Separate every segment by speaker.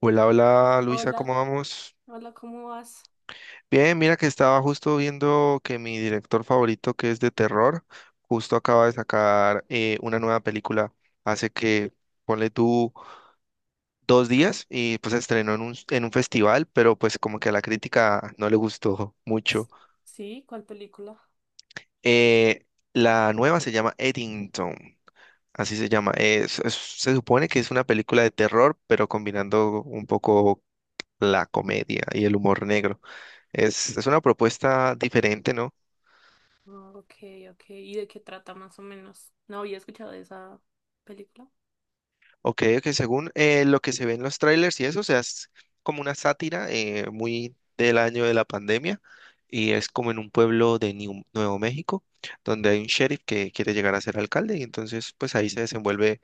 Speaker 1: Hola, hola Luisa,
Speaker 2: Hola,
Speaker 1: ¿cómo vamos?
Speaker 2: hola, ¿cómo vas?
Speaker 1: Bien, mira que estaba justo viendo que mi director favorito, que es de terror, justo acaba de sacar una nueva película hace que, ponle tú, dos días y pues se estrenó en en un festival, pero pues como que a la crítica no le gustó mucho.
Speaker 2: S- Sí, ¿cuál película?
Speaker 1: Eh, la nueva se llama Eddington, así se llama. Se supone que es una película de terror, pero combinando un poco la comedia y el humor negro. Es una propuesta diferente, ¿no?
Speaker 2: Ah, ok, ok. ¿Y de qué trata más o menos? No había escuchado de esa película.
Speaker 1: Ok, que según lo que se ve en los trailers y eso, o sea, es como una sátira muy del año de la pandemia y es como en un pueblo de Nuevo México, donde hay un sheriff que quiere llegar a ser alcalde y entonces pues ahí se desenvuelve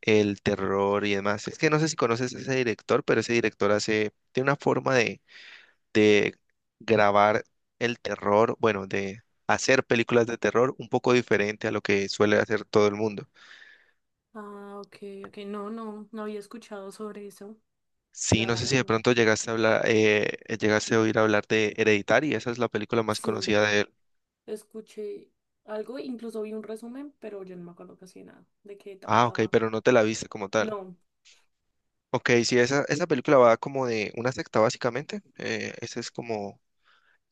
Speaker 1: el terror y demás. Es que no sé si conoces a ese director, pero ese director hace, tiene una forma de grabar el terror, bueno, de hacer películas de terror un poco diferente a lo que suele hacer todo el mundo.
Speaker 2: Ah, ok, ok. No, no, no había escuchado sobre eso.
Speaker 1: Sí,
Speaker 2: La
Speaker 1: no sé si
Speaker 2: verdad,
Speaker 1: de
Speaker 2: no.
Speaker 1: pronto llegaste a hablar, llegaste a oír hablar de Hereditary, esa es la película más
Speaker 2: Sí,
Speaker 1: conocida de él.
Speaker 2: escuché algo, incluso vi un resumen, pero yo no me acuerdo casi nada de qué
Speaker 1: Ah, ok,
Speaker 2: trataba.
Speaker 1: pero no te la viste como tal.
Speaker 2: No.
Speaker 1: Ok, sí, esa película va como de una secta básicamente, ese es como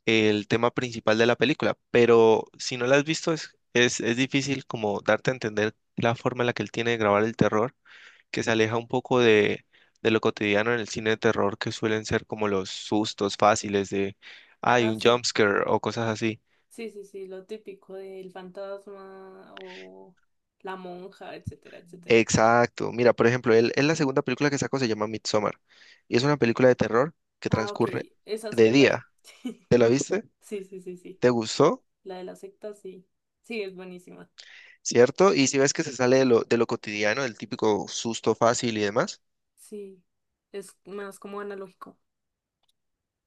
Speaker 1: el tema principal de la película, pero si no la has visto es difícil como darte a entender la forma en la que él tiene de grabar el terror, que se aleja un poco de lo cotidiano en el cine de terror, que suelen ser como los sustos fáciles de, hay
Speaker 2: Ah,
Speaker 1: un
Speaker 2: sí.
Speaker 1: jumpscare o cosas así.
Speaker 2: Sí, sí, sí, lo típico del fantasma o la monja, etcétera, etcétera.
Speaker 1: Exacto. Mira, por ejemplo, él la segunda película que sacó se llama Midsommar y es una película de terror que
Speaker 2: Ah, ok,
Speaker 1: transcurre
Speaker 2: esa sí
Speaker 1: de
Speaker 2: me la vi.
Speaker 1: día. ¿Te la viste?
Speaker 2: Sí, sí, sí, sí.
Speaker 1: ¿Te gustó?
Speaker 2: La de la secta, sí. Sí, es buenísima.
Speaker 1: ¿Cierto? Y si ves que se sale de lo cotidiano, del típico susto fácil y demás.
Speaker 2: Sí, es más como analógico.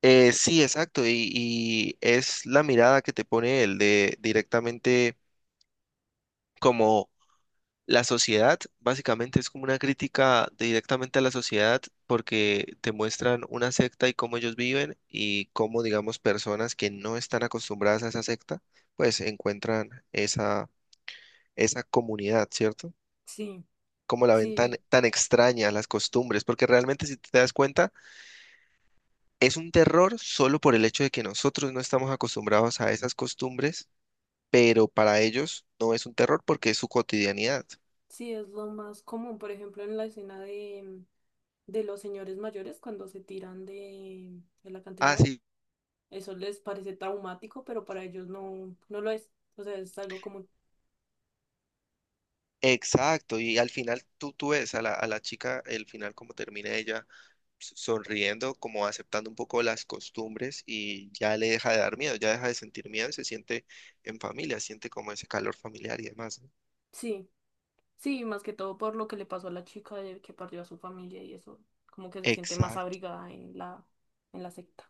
Speaker 1: Sí, exacto. Y es la mirada que te pone él de directamente como la sociedad. Básicamente es como una crítica directamente a la sociedad porque te muestran una secta y cómo ellos viven y cómo, digamos, personas que no están acostumbradas a esa secta, pues encuentran esa comunidad, ¿cierto?
Speaker 2: Sí,
Speaker 1: Cómo la ven
Speaker 2: sí,
Speaker 1: tan extraña, las costumbres, porque realmente si te das cuenta, es un terror solo por el hecho de que nosotros no estamos acostumbrados a esas costumbres, pero para ellos no es un terror porque es su cotidianidad.
Speaker 2: sí, es lo más común. Por ejemplo, en la escena de, de los señores mayores cuando se tiran de, del acantilado,
Speaker 1: Así
Speaker 2: eso les parece traumático, pero para ellos no, no lo es. O sea, es algo común.
Speaker 1: exacto, y al final tú ves a a la chica, el final como termina ella sonriendo, como aceptando un poco las costumbres y ya le deja de dar miedo, ya deja de sentir miedo y se siente en familia, siente como ese calor familiar y demás, ¿no?
Speaker 2: Sí, sí, más que todo por lo que le pasó a la chica de que perdió a su familia y eso, como que se siente más
Speaker 1: Exacto,
Speaker 2: abrigada en la secta.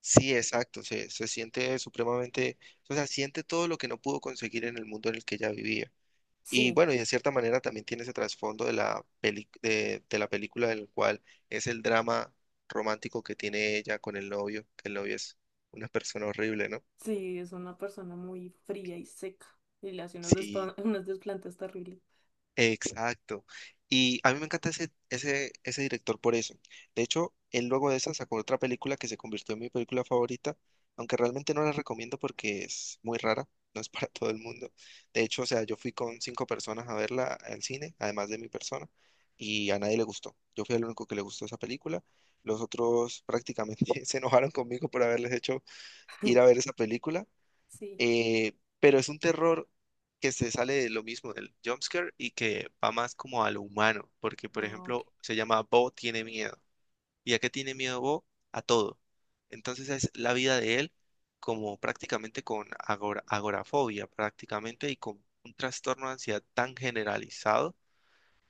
Speaker 1: sí, exacto, se siente supremamente, o sea, siente todo lo que no pudo conseguir en el mundo en el que ella vivía. Y
Speaker 2: Sí.
Speaker 1: bueno, y de cierta manera también tiene ese trasfondo de la de la película, del cual es el drama romántico que tiene ella con el novio, que el novio es una persona horrible, ¿no?
Speaker 2: Sí, es una persona muy fría y seca. Y le hace
Speaker 1: Sí,
Speaker 2: unas desplantes terribles.
Speaker 1: exacto. Y a mí me encanta ese director por eso. De hecho, él luego de esa sacó otra película que se convirtió en mi película favorita, aunque realmente no la recomiendo porque es muy rara, no es para todo el mundo. De hecho, o sea, yo fui con cinco personas a verla al cine, además de mi persona, y a nadie le gustó. Yo fui el único que le gustó esa película. Los otros prácticamente se enojaron conmigo por haberles hecho ir a ver esa película,
Speaker 2: Sí.
Speaker 1: pero es un terror que se sale de lo mismo del jumpscare y que va más como a lo humano, porque por
Speaker 2: Ah, ok.
Speaker 1: ejemplo se llama Bo tiene miedo. ¿Y a qué tiene miedo Bo? A todo. Entonces es la vida de él como prácticamente con agorafobia prácticamente y con un trastorno de ansiedad tan generalizado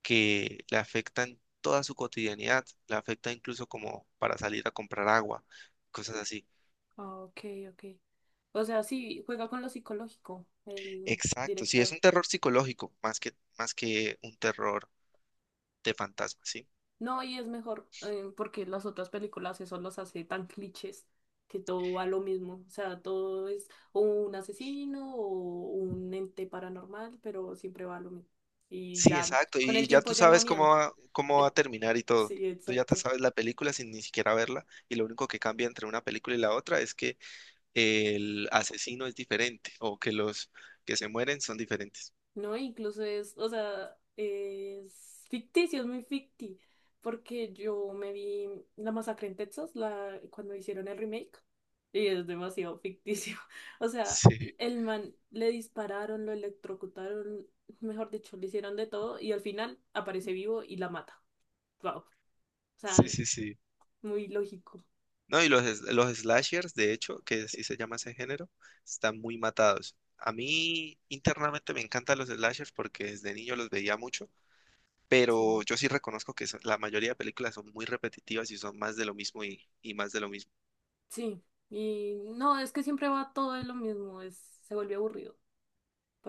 Speaker 1: que le afecta en toda su cotidianidad, le afecta incluso como para salir a comprar agua, cosas así.
Speaker 2: Ah, ok, ok. O sea, sí, juega con lo psicológico, el
Speaker 1: Exacto, sí, es
Speaker 2: director.
Speaker 1: un terror psicológico más más que un terror de fantasma, ¿sí?
Speaker 2: No, y es mejor, porque las otras películas eso los hace tan clichés que todo va a lo mismo. O sea, todo es o un asesino o un ente paranormal, pero siempre va a lo mismo. Y
Speaker 1: Sí,
Speaker 2: ya,
Speaker 1: exacto,
Speaker 2: con el
Speaker 1: y ya
Speaker 2: tiempo
Speaker 1: tú
Speaker 2: ya no da
Speaker 1: sabes
Speaker 2: miedo.
Speaker 1: cómo cómo va a
Speaker 2: Eh,
Speaker 1: terminar y todo.
Speaker 2: Sí,
Speaker 1: Tú ya te
Speaker 2: exacto.
Speaker 1: sabes la película sin ni siquiera verla y lo único que cambia entre una película y la otra es que el asesino es diferente o que los que se mueren son diferentes.
Speaker 2: No, incluso es, o sea, es ficticio, porque yo me vi La Masacre en Texas, la, cuando hicieron el remake, y es demasiado ficticio. O sea,
Speaker 1: Sí,
Speaker 2: el man le dispararon, lo electrocutaron, mejor dicho, le hicieron de todo, y al final aparece vivo y la mata. Wow. O
Speaker 1: sí,
Speaker 2: sea,
Speaker 1: sí, sí.
Speaker 2: muy lógico.
Speaker 1: No, y los slashers, de hecho, que así se llama ese género, están muy matados. A mí internamente me encantan los slashers porque desde niño los veía mucho, pero
Speaker 2: Sí.
Speaker 1: yo sí reconozco que la mayoría de películas son muy repetitivas y son más de lo mismo y más de lo mismo.
Speaker 2: Sí. Y no, es que siempre va todo de lo mismo, es, se vuelve aburrido.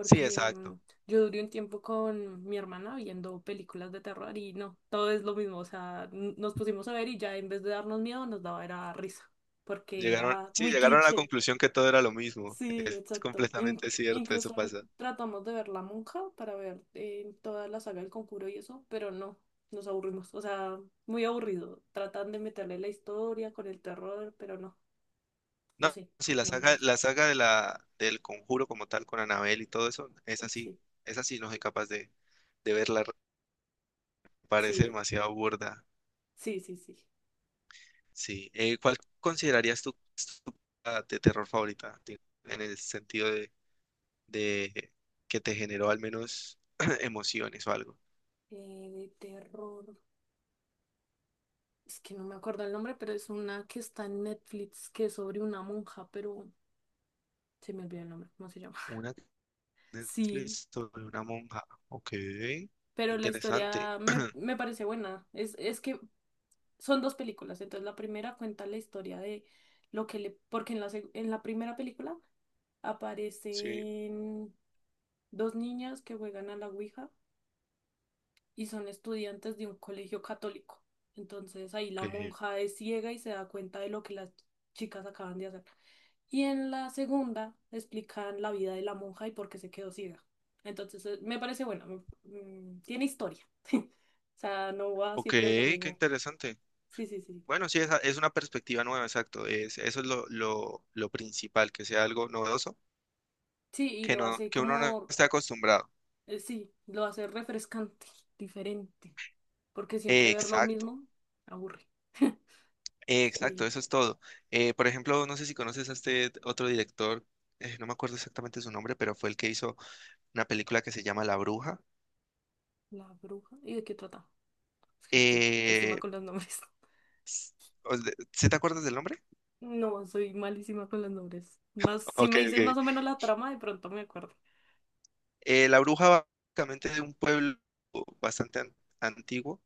Speaker 1: Sí, exacto.
Speaker 2: mm, yo duré un tiempo con mi hermana viendo películas de terror y no, todo es lo mismo, o sea, nos pusimos a ver y ya en vez de darnos miedo nos daba era risa, porque
Speaker 1: Llegaron,
Speaker 2: era
Speaker 1: sí,
Speaker 2: muy
Speaker 1: llegaron a la
Speaker 2: cliché.
Speaker 1: conclusión que todo era lo mismo.
Speaker 2: Sí,
Speaker 1: Es
Speaker 2: exacto.
Speaker 1: completamente cierto, eso
Speaker 2: Incluso
Speaker 1: pasa.
Speaker 2: tratamos de ver La Monja para ver toda la saga del Conjuro y eso, pero no, nos aburrimos, o sea, muy aburrido. Tratan de meterle la historia con el terror, pero no, no
Speaker 1: No,
Speaker 2: sé,
Speaker 1: sí,
Speaker 2: no me gustó.
Speaker 1: la saga de del Conjuro como tal, con Anabel y todo eso,
Speaker 2: Sí,
Speaker 1: es así, no soy capaz de verla, parece
Speaker 2: sí,
Speaker 1: demasiado burda.
Speaker 2: sí, sí, sí.
Speaker 1: Sí, ¿cuál considerarías tu película de terror favorita? Digo, en el sentido de que te generó al menos emociones o algo.
Speaker 2: De terror. Es que no me acuerdo el nombre, pero es una que está en Netflix, que es sobre una monja, pero se me olvidó el nombre, ¿cómo se llama?
Speaker 1: Una
Speaker 2: Sí,
Speaker 1: Netflix sobre una monja. Ok,
Speaker 2: pero la
Speaker 1: interesante.
Speaker 2: historia me parece buena. Es que son dos películas, entonces la primera cuenta la historia de lo que le... Porque en en la primera película
Speaker 1: Sí,
Speaker 2: aparecen dos niñas que juegan a la Ouija y son estudiantes de un colegio católico. Entonces ahí la
Speaker 1: ok.
Speaker 2: monja es ciega y se da cuenta de lo que las chicas acaban de hacer. Y en la segunda explican la vida de la monja y por qué se quedó ciega. Entonces me parece bueno, tiene historia. O sea, no va
Speaker 1: Ok,
Speaker 2: siempre de lo
Speaker 1: qué
Speaker 2: mismo.
Speaker 1: interesante.
Speaker 2: Sí, sí, sí.
Speaker 1: Bueno, sí, es una perspectiva nueva, exacto. Es, eso es lo principal, que sea algo novedoso,
Speaker 2: Sí, y
Speaker 1: que
Speaker 2: lo
Speaker 1: no,
Speaker 2: hace
Speaker 1: que uno no
Speaker 2: como,
Speaker 1: esté acostumbrado.
Speaker 2: sí, lo hace refrescante, diferente, porque siempre ver lo
Speaker 1: Exacto,
Speaker 2: mismo aburre.
Speaker 1: exacto,
Speaker 2: Sí,
Speaker 1: eso es todo. Por ejemplo, no sé si conoces a este otro director, no me acuerdo exactamente su nombre, pero fue el que hizo una película que se llama La Bruja.
Speaker 2: la bruja. ¿Y de qué trata? Es que yo soy pésima
Speaker 1: Eh,
Speaker 2: con los nombres.
Speaker 1: ¿Sí te acuerdas del nombre?
Speaker 2: No, soy malísima con los nombres. Más, si
Speaker 1: Ok,
Speaker 2: me dices más
Speaker 1: ok.
Speaker 2: o menos la trama, de pronto me acuerdo.
Speaker 1: La bruja va básicamente de un pueblo bastante antiguo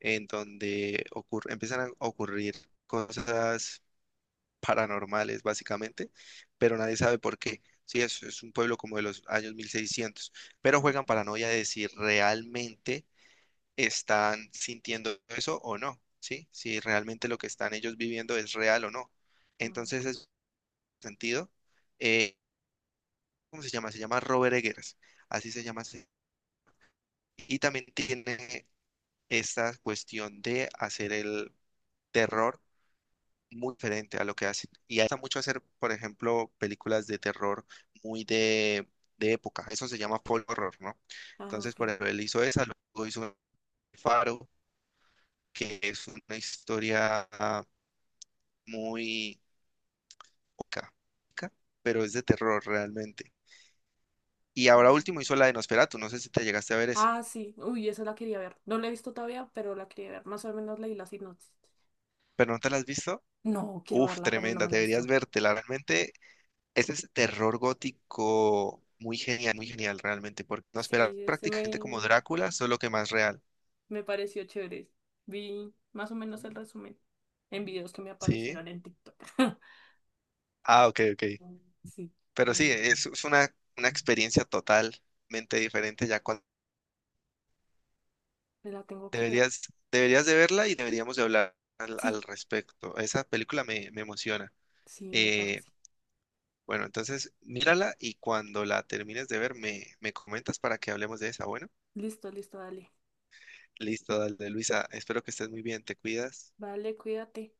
Speaker 1: en donde ocurre, empiezan a ocurrir cosas paranormales básicamente, pero nadie sabe por qué. Sí, es un pueblo como de los años 1600, pero
Speaker 2: Ah,
Speaker 1: juegan paranoia de si realmente están sintiendo eso o no, ¿sí? Si realmente lo que están ellos viviendo es real o no.
Speaker 2: ah,
Speaker 1: Entonces,
Speaker 2: ok.
Speaker 1: es sentido. Eh, cómo se llama Robert Eggers, así se llama. Y también tiene esta cuestión de hacer el terror muy diferente a lo que hacen. Y hace mucho hacer, por ejemplo, películas de terror muy de época. Eso se llama folk horror, ¿no?
Speaker 2: Ah,
Speaker 1: Entonces,
Speaker 2: ok.
Speaker 1: por ejemplo, él hizo esa, luego hizo Faro, que es una historia muy poca, pero es de terror realmente. Y ahora
Speaker 2: Ah,
Speaker 1: último hizo la de Nosferatu, no sé si te llegaste a ver esa,
Speaker 2: ah, sí. Uy, esa la quería ver. No la he visto todavía, pero la quería ver. Más o menos leí la sinopsis.
Speaker 1: pero no te la has visto.
Speaker 2: No, quiero
Speaker 1: Uf,
Speaker 2: verla, pero no
Speaker 1: tremenda,
Speaker 2: me la he
Speaker 1: deberías
Speaker 2: visto.
Speaker 1: vértela. Realmente, ese es terror gótico muy genial realmente, porque no espera
Speaker 2: Sí, ese
Speaker 1: prácticamente como
Speaker 2: me,
Speaker 1: Drácula, solo que más real.
Speaker 2: me pareció chévere. Vi más o menos el resumen en videos que me
Speaker 1: ¿Sí?
Speaker 2: aparecieron en TikTok.
Speaker 1: Ah, ok, ok.
Speaker 2: Sí,
Speaker 1: Pero
Speaker 2: me
Speaker 1: sí, es una experiencia totalmente diferente ya cuando
Speaker 2: la tengo que ver.
Speaker 1: deberías, deberías de verla y deberíamos de hablar al
Speaker 2: Sí,
Speaker 1: respecto. Esa película me emociona.
Speaker 2: sí, me
Speaker 1: Eh,
Speaker 2: parece.
Speaker 1: bueno, entonces mírala y cuando la termines de ver me comentas para que hablemos de esa. Bueno,
Speaker 2: Listo, listo, dale.
Speaker 1: listo, dale, Luisa. Espero que estés muy bien. Te cuidas.
Speaker 2: Vale, cuídate.